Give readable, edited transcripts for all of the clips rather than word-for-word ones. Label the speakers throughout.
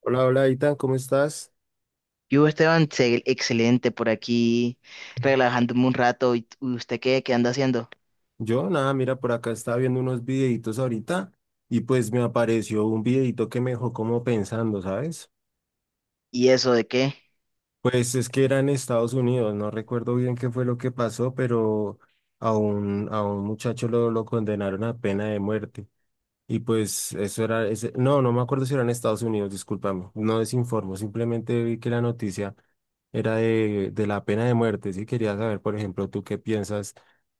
Speaker 1: Hola, hola, Itan, ¿cómo estás?
Speaker 2: Yo, Esteban, excelente por aquí, relajándome un rato. ¿Y usted qué, qué anda haciendo?
Speaker 1: Yo, nada, mira, por acá estaba viendo unos videitos ahorita y pues me apareció un videito que me dejó como pensando, ¿sabes?
Speaker 2: ¿Y eso de qué?
Speaker 1: Pues es que era en Estados Unidos, no recuerdo bien qué fue lo que pasó, pero a un muchacho lo condenaron a pena de muerte. Y pues eso era, no, no me acuerdo si era en Estados Unidos, discúlpame, no desinformo, simplemente vi que la noticia era de la pena de muerte, sí, quería saber, por ejemplo, tú qué piensas,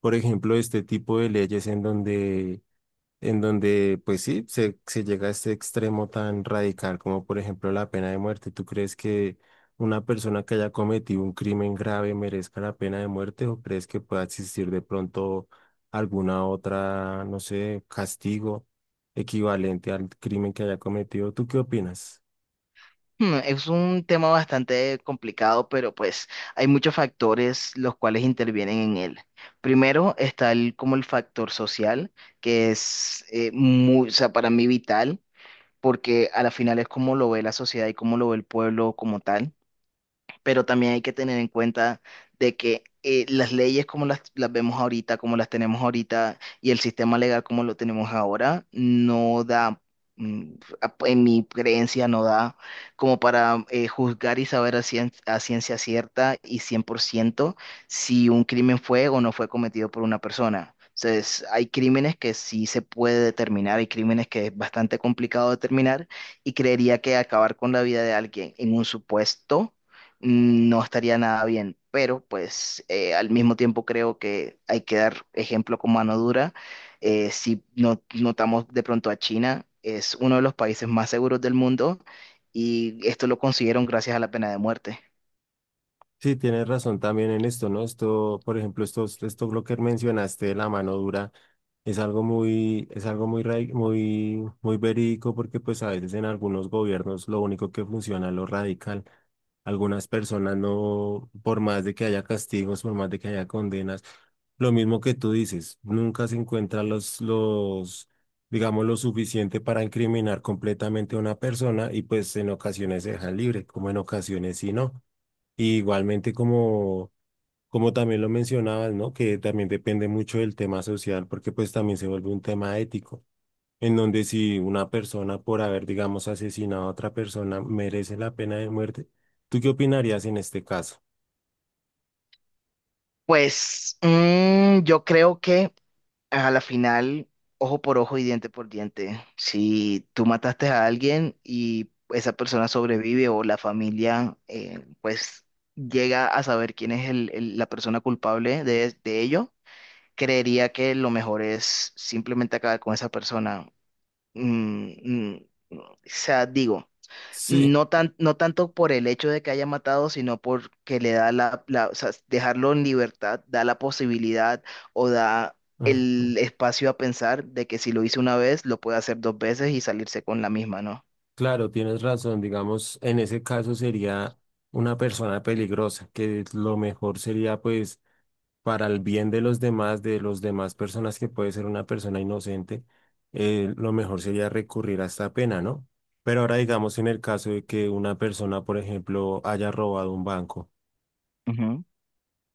Speaker 1: por ejemplo, de este tipo de leyes en donde, pues sí, se llega a este extremo tan radical como por ejemplo la pena de muerte. ¿Tú crees que una persona que haya cometido un crimen grave merezca la pena de muerte o crees que pueda existir de pronto alguna otra, no sé, castigo equivalente al crimen que haya cometido? ¿Tú qué opinas?
Speaker 2: Es un tema bastante complicado, pero pues hay muchos factores los cuales intervienen en él. Primero está como el factor social, que es muy, o sea, para mí vital, porque a la final es como lo ve la sociedad y cómo lo ve el pueblo como tal. Pero también hay que tener en cuenta de que las leyes como las vemos ahorita, como las tenemos ahorita, y el sistema legal como lo tenemos ahora, no da, mm, en mi creencia, no da como para juzgar y saber a ciencia cierta y 100% si un crimen fue o no fue cometido por una persona. Entonces, hay crímenes que sí se puede determinar, hay crímenes que es bastante complicado determinar y creería que acabar con la vida de alguien en un supuesto no estaría nada bien. Pero pues al mismo tiempo creo que hay que dar ejemplo con mano dura. Si no, notamos de pronto a China, es uno de los países más seguros del mundo y esto lo consiguieron gracias a la pena de muerte.
Speaker 1: Sí, tienes razón también en esto, ¿no? Esto, por ejemplo, esto lo que mencionaste de la mano dura. Es algo muy, muy, muy verídico porque pues a veces en algunos gobiernos lo único que funciona es lo radical. Algunas personas no, por más de que haya castigos, por más de que haya condenas, lo mismo que tú dices, nunca se encuentran los, digamos, lo suficiente para incriminar completamente a una persona y pues en ocasiones se dejan libre, como en ocasiones sí no. Y igualmente como... Como también lo mencionabas, ¿no? Que también depende mucho del tema social, porque pues también se vuelve un tema ético, en donde si una persona por haber, digamos, asesinado a otra persona merece la pena de muerte, ¿tú qué opinarías en este caso?
Speaker 2: Pues yo creo que a la final, ojo por ojo y diente por diente. Si tú mataste a alguien y esa persona sobrevive o la familia, pues llega a saber quién es la persona culpable de ello, creería que lo mejor es simplemente acabar con esa persona. Mm, mm, o sea, digo.
Speaker 1: Sí,
Speaker 2: No tan, no tanto por el hecho de que haya matado, sino porque le da o sea, dejarlo en libertad, da la posibilidad o da
Speaker 1: ujú.
Speaker 2: el espacio a pensar de que si lo hizo una vez, lo puede hacer dos veces y salirse con la misma, ¿no?
Speaker 1: Claro, tienes razón, digamos, en ese caso sería una persona peligrosa, que lo mejor sería pues para el bien de los demás personas que puede ser una persona inocente, lo mejor sería recurrir a esta pena, ¿no? Pero ahora digamos en el caso de que una persona, por ejemplo, haya robado un banco,
Speaker 2: Ujú.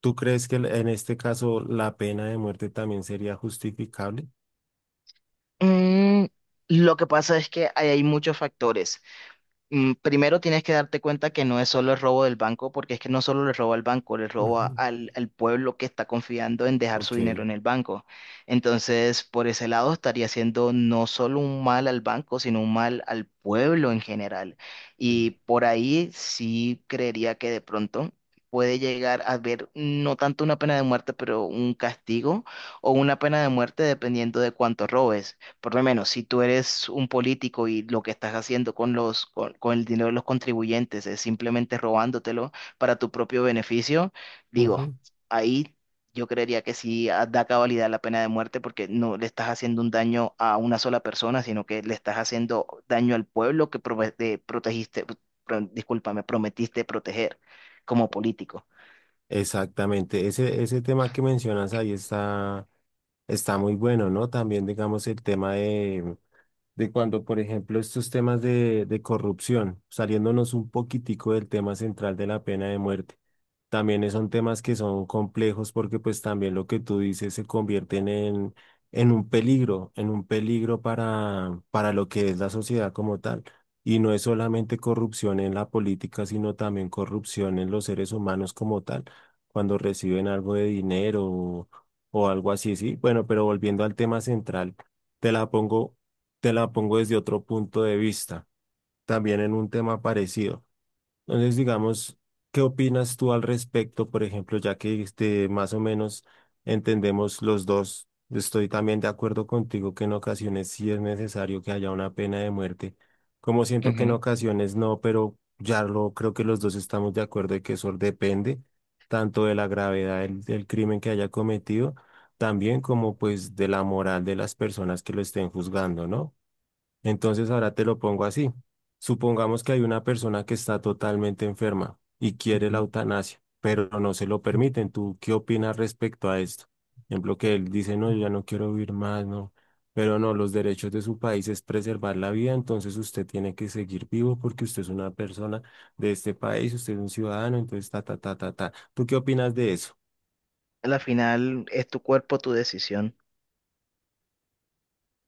Speaker 1: ¿tú crees que en este caso la pena de muerte también sería justificable?
Speaker 2: Mm, lo que pasa es que ahí hay muchos factores. Primero tienes que darte cuenta que no es solo el robo del banco, porque es que no solo le roba al banco, le roba
Speaker 1: Ujú,
Speaker 2: al pueblo que está confiando en dejar su
Speaker 1: ok.
Speaker 2: dinero en el banco. Entonces, por ese lado estaría haciendo no solo un mal al banco, sino un mal al pueblo en general.
Speaker 1: Sí.
Speaker 2: Y por ahí sí creería que de pronto puede llegar a haber no tanto una pena de muerte, pero un castigo o una pena de muerte dependiendo de cuánto robes. Por lo menos, si tú eres un político y lo que estás haciendo con con el dinero de los contribuyentes es simplemente robándotelo para tu propio beneficio, digo,
Speaker 1: Ujú.
Speaker 2: ahí yo creería que sí da cabalidad la pena de muerte porque no le estás haciendo un daño a una sola persona, sino que le estás haciendo daño al pueblo que protegiste, discúlpame, prometiste proteger como político.
Speaker 1: Exactamente, ese tema que mencionas ahí está, está muy bueno, ¿no? También digamos el tema de cuando, por ejemplo, estos temas de corrupción, saliéndonos un poquitico del tema central de la pena de muerte. También son temas que son complejos porque pues también lo que tú dices se convierten en un peligro para lo que es la sociedad como tal. Y no es solamente corrupción en la política, sino también corrupción en los seres humanos como tal, cuando reciben algo de dinero o algo así, sí. Bueno, pero volviendo al tema central, te la pongo, te la pongo desde otro punto de vista, también en un tema parecido. Entonces, digamos, ¿qué opinas tú al respecto? Por ejemplo, ya que este, más o menos entendemos los dos, estoy también de acuerdo contigo que en ocasiones sí es necesario que haya una pena de muerte, como siento que en ocasiones no, pero ya lo creo que los dos estamos de acuerdo de que eso depende tanto de la gravedad del crimen que haya cometido, también como pues de la moral de las personas que lo estén juzgando, ¿no? Entonces ahora te lo pongo así. Supongamos que hay una persona que está totalmente enferma y quiere la
Speaker 2: Ujú.
Speaker 1: eutanasia, pero no se lo permiten. ¿Tú qué opinas respecto a esto? Por ejemplo, que él dice, no, yo ya no quiero vivir más, no. Pero no, los derechos de su país es preservar la vida, entonces usted tiene que seguir vivo porque usted es una persona de este país, usted es un ciudadano, entonces ta, ta, ta, ta, ta. ¿Tú qué opinas de eso?
Speaker 2: Al final es tu cuerpo, tu decisión.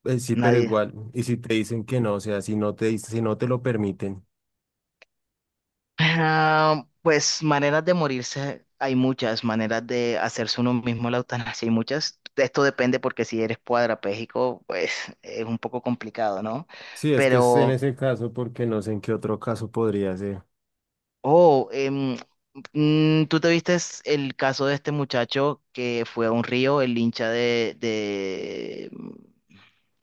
Speaker 1: Sí, pero
Speaker 2: Nadie.
Speaker 1: igual, y si te dicen que no, o sea, si no te, si no te lo permiten.
Speaker 2: Ah, pues maneras de morirse, hay muchas maneras de hacerse uno mismo la eutanasia, hay muchas. Esto depende porque si eres cuadrapléjico, pues es un poco complicado, ¿no?
Speaker 1: Sí, es que es en
Speaker 2: Pero,
Speaker 1: ese caso porque no sé en qué otro caso podría ser.
Speaker 2: oh, em, ¿tú te viste el caso de este muchacho que fue a un río, el hincha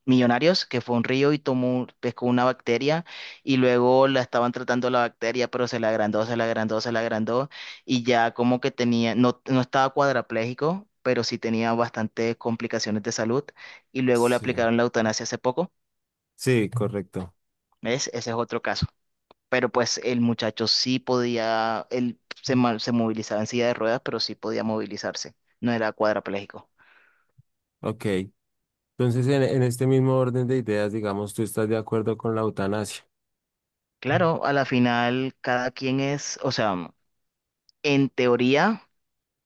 Speaker 2: Millonarios, que fue a un río y tomó, pescó una bacteria y luego la estaban tratando la bacteria, pero se la agrandó, se la agrandó y ya como que tenía, no, no estaba cuadraplégico, pero sí tenía bastantes complicaciones de salud y luego le
Speaker 1: Sí,
Speaker 2: aplicaron la eutanasia hace poco.
Speaker 1: sí, correcto.
Speaker 2: ¿Ves? Ese es otro caso, pero pues el muchacho sí podía, él se movilizaba en silla de ruedas, pero sí podía movilizarse, no era cuadrapléjico.
Speaker 1: Ok. Entonces, en este mismo orden de ideas, digamos, ¿tú estás de acuerdo con la eutanasia?
Speaker 2: Claro, a la final cada quien es, o sea, en teoría,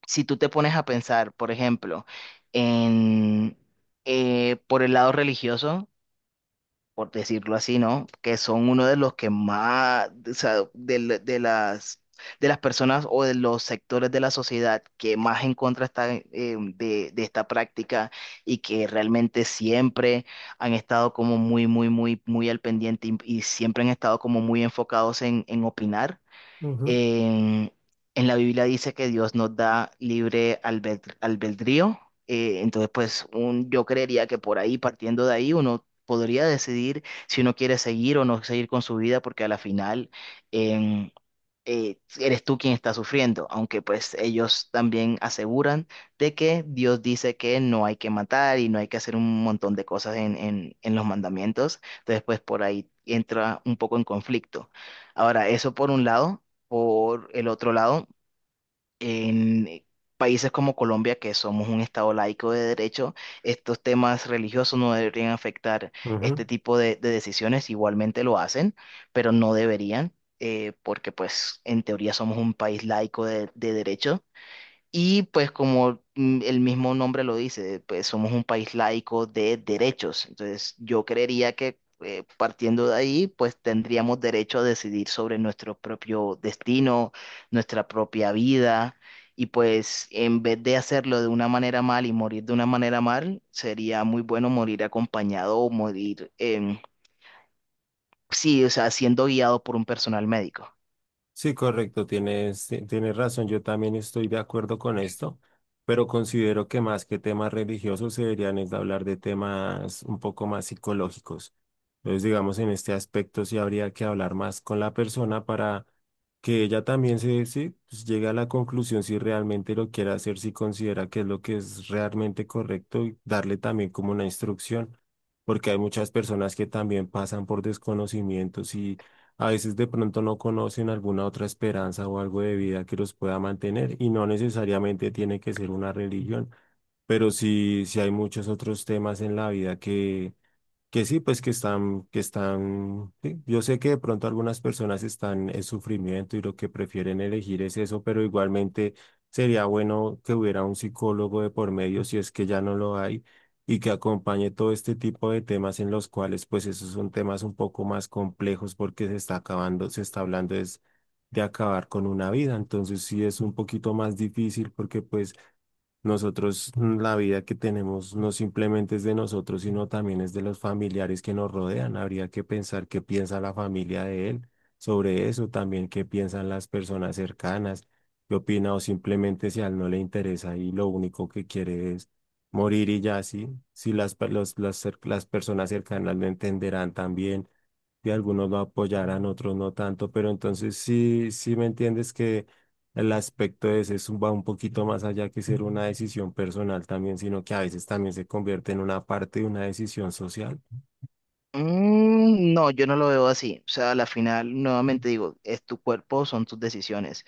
Speaker 2: si tú te pones a pensar, por ejemplo, en por el lado religioso, por decirlo así, ¿no? Que son uno de los que más, o sea, de las personas o de los sectores de la sociedad que más en contra están de esta práctica y que realmente siempre han estado como muy al pendiente y siempre han estado como muy enfocados en opinar.
Speaker 1: Ujú,
Speaker 2: En, en la Biblia dice que Dios nos da libre albedrío. Entonces, pues un, yo creería que por ahí, partiendo de ahí, uno podría decidir si uno quiere seguir o no seguir con su vida, porque a la final, eres tú quien está sufriendo, aunque pues ellos también aseguran de que Dios dice que no hay que matar y no hay que hacer un montón de cosas en los mandamientos, entonces pues por ahí entra un poco en conflicto. Ahora, eso por un lado, por el otro lado. En países como Colombia, que somos un estado laico de derecho, estos temas religiosos no deberían afectar
Speaker 1: ujú.
Speaker 2: este tipo de decisiones. Igualmente lo hacen, pero no deberían, porque pues en teoría somos un país laico de derecho. Y pues como el mismo nombre lo dice, pues somos un país laico de derechos. Entonces yo creería que partiendo de ahí, pues tendríamos derecho a decidir sobre nuestro propio destino, nuestra propia vida. Y pues en vez de hacerlo de una manera mal y morir de una manera mal, sería muy bueno morir acompañado o morir, sí, o sea, siendo guiado por un personal médico.
Speaker 1: Sí, correcto, tienes razón, yo también estoy de acuerdo con esto, pero considero que más que temas religiosos se deberían es de hablar de temas un poco más psicológicos. Entonces, digamos, en este aspecto sí habría que hablar más con la persona para que ella también se, sí, pues, llegue a la conclusión si realmente lo quiere hacer, si considera que es lo que es realmente correcto y darle también como una instrucción, porque hay muchas personas que también pasan por desconocimientos a veces de pronto no conocen alguna otra esperanza o algo de vida que los pueda mantener y no necesariamente tiene que ser una religión, pero sí, sí hay muchos otros temas en la vida que sí, pues que están, sí, yo sé que de pronto algunas personas están en sufrimiento y lo que prefieren elegir es eso, pero igualmente sería bueno que hubiera un psicólogo de por medio, si es que ya no lo hay, y que acompañe todo este tipo de temas en los cuales, pues esos son temas un poco más complejos porque se está acabando, se está hablando es de acabar con una vida, entonces sí es un poquito más difícil porque pues nosotros, la vida que tenemos no simplemente es de nosotros, sino también es de los familiares que nos rodean. Habría que pensar qué piensa la familia de él sobre eso, también qué piensan las personas cercanas, qué opina o simplemente si a él no le interesa y lo único que quiere es morir y ya así. Si las, pe- los- las, cer- las personas cercanas lo entenderán también, y algunos lo apoyarán, otros no tanto, pero entonces sí, sí me entiendes que el aspecto ese es, va un poquito más allá que ser una decisión personal también, sino que a veces también se convierte en una parte de una decisión social.
Speaker 2: Mm, no, yo no lo veo así. O sea, a la final, nuevamente digo, es tu cuerpo, son tus decisiones.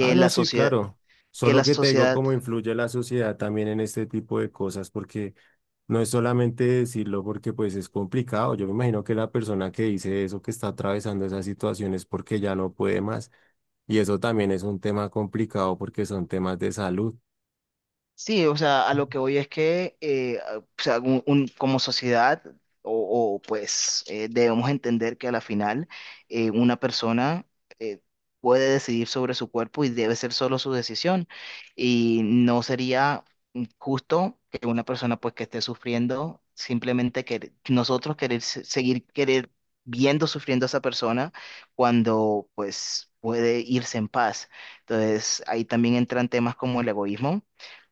Speaker 1: Ah, no,
Speaker 2: la
Speaker 1: sí,
Speaker 2: sociedad,
Speaker 1: claro.
Speaker 2: que la
Speaker 1: Solo que te digo
Speaker 2: sociedad
Speaker 1: cómo influye la sociedad también en este tipo de cosas, porque no es solamente decirlo porque pues es complicado. Yo me imagino que la persona que dice eso, que está atravesando esas situaciones porque ya no puede más. Y eso también es un tema complicado porque son temas de salud.
Speaker 2: sí, o sea, a lo que voy es que o sea, como sociedad pues debemos entender que a la final una persona eh, puede decidir sobre su cuerpo y debe ser solo su decisión y no sería justo que una persona pues que esté sufriendo simplemente que nosotros querer seguir querer viendo sufriendo a esa persona cuando pues puede irse en paz. Entonces ahí también entran temas como el egoísmo,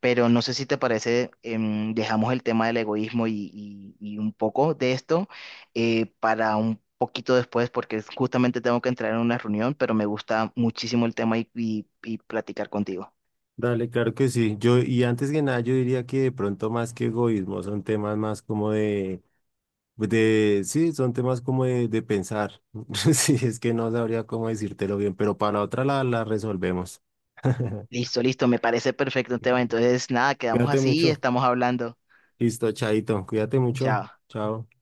Speaker 2: pero no sé si te parece, dejamos el tema del egoísmo y un poco de esto para un poquito después, porque justamente tengo que entrar en una reunión, pero me gusta muchísimo el tema y platicar contigo.
Speaker 1: Dale, claro que sí. Yo, y antes que nada, yo diría que de pronto más que egoísmo, son temas más como de, sí, son temas como de pensar. Sí, es que no sabría cómo decírtelo bien, pero para otra la resolvemos.
Speaker 2: Listo, listo, me parece perfecto el tema. Entonces, nada, quedamos
Speaker 1: Cuídate
Speaker 2: así y
Speaker 1: mucho.
Speaker 2: estamos hablando.
Speaker 1: Listo, chaito. Cuídate mucho.
Speaker 2: Chao.
Speaker 1: Chao.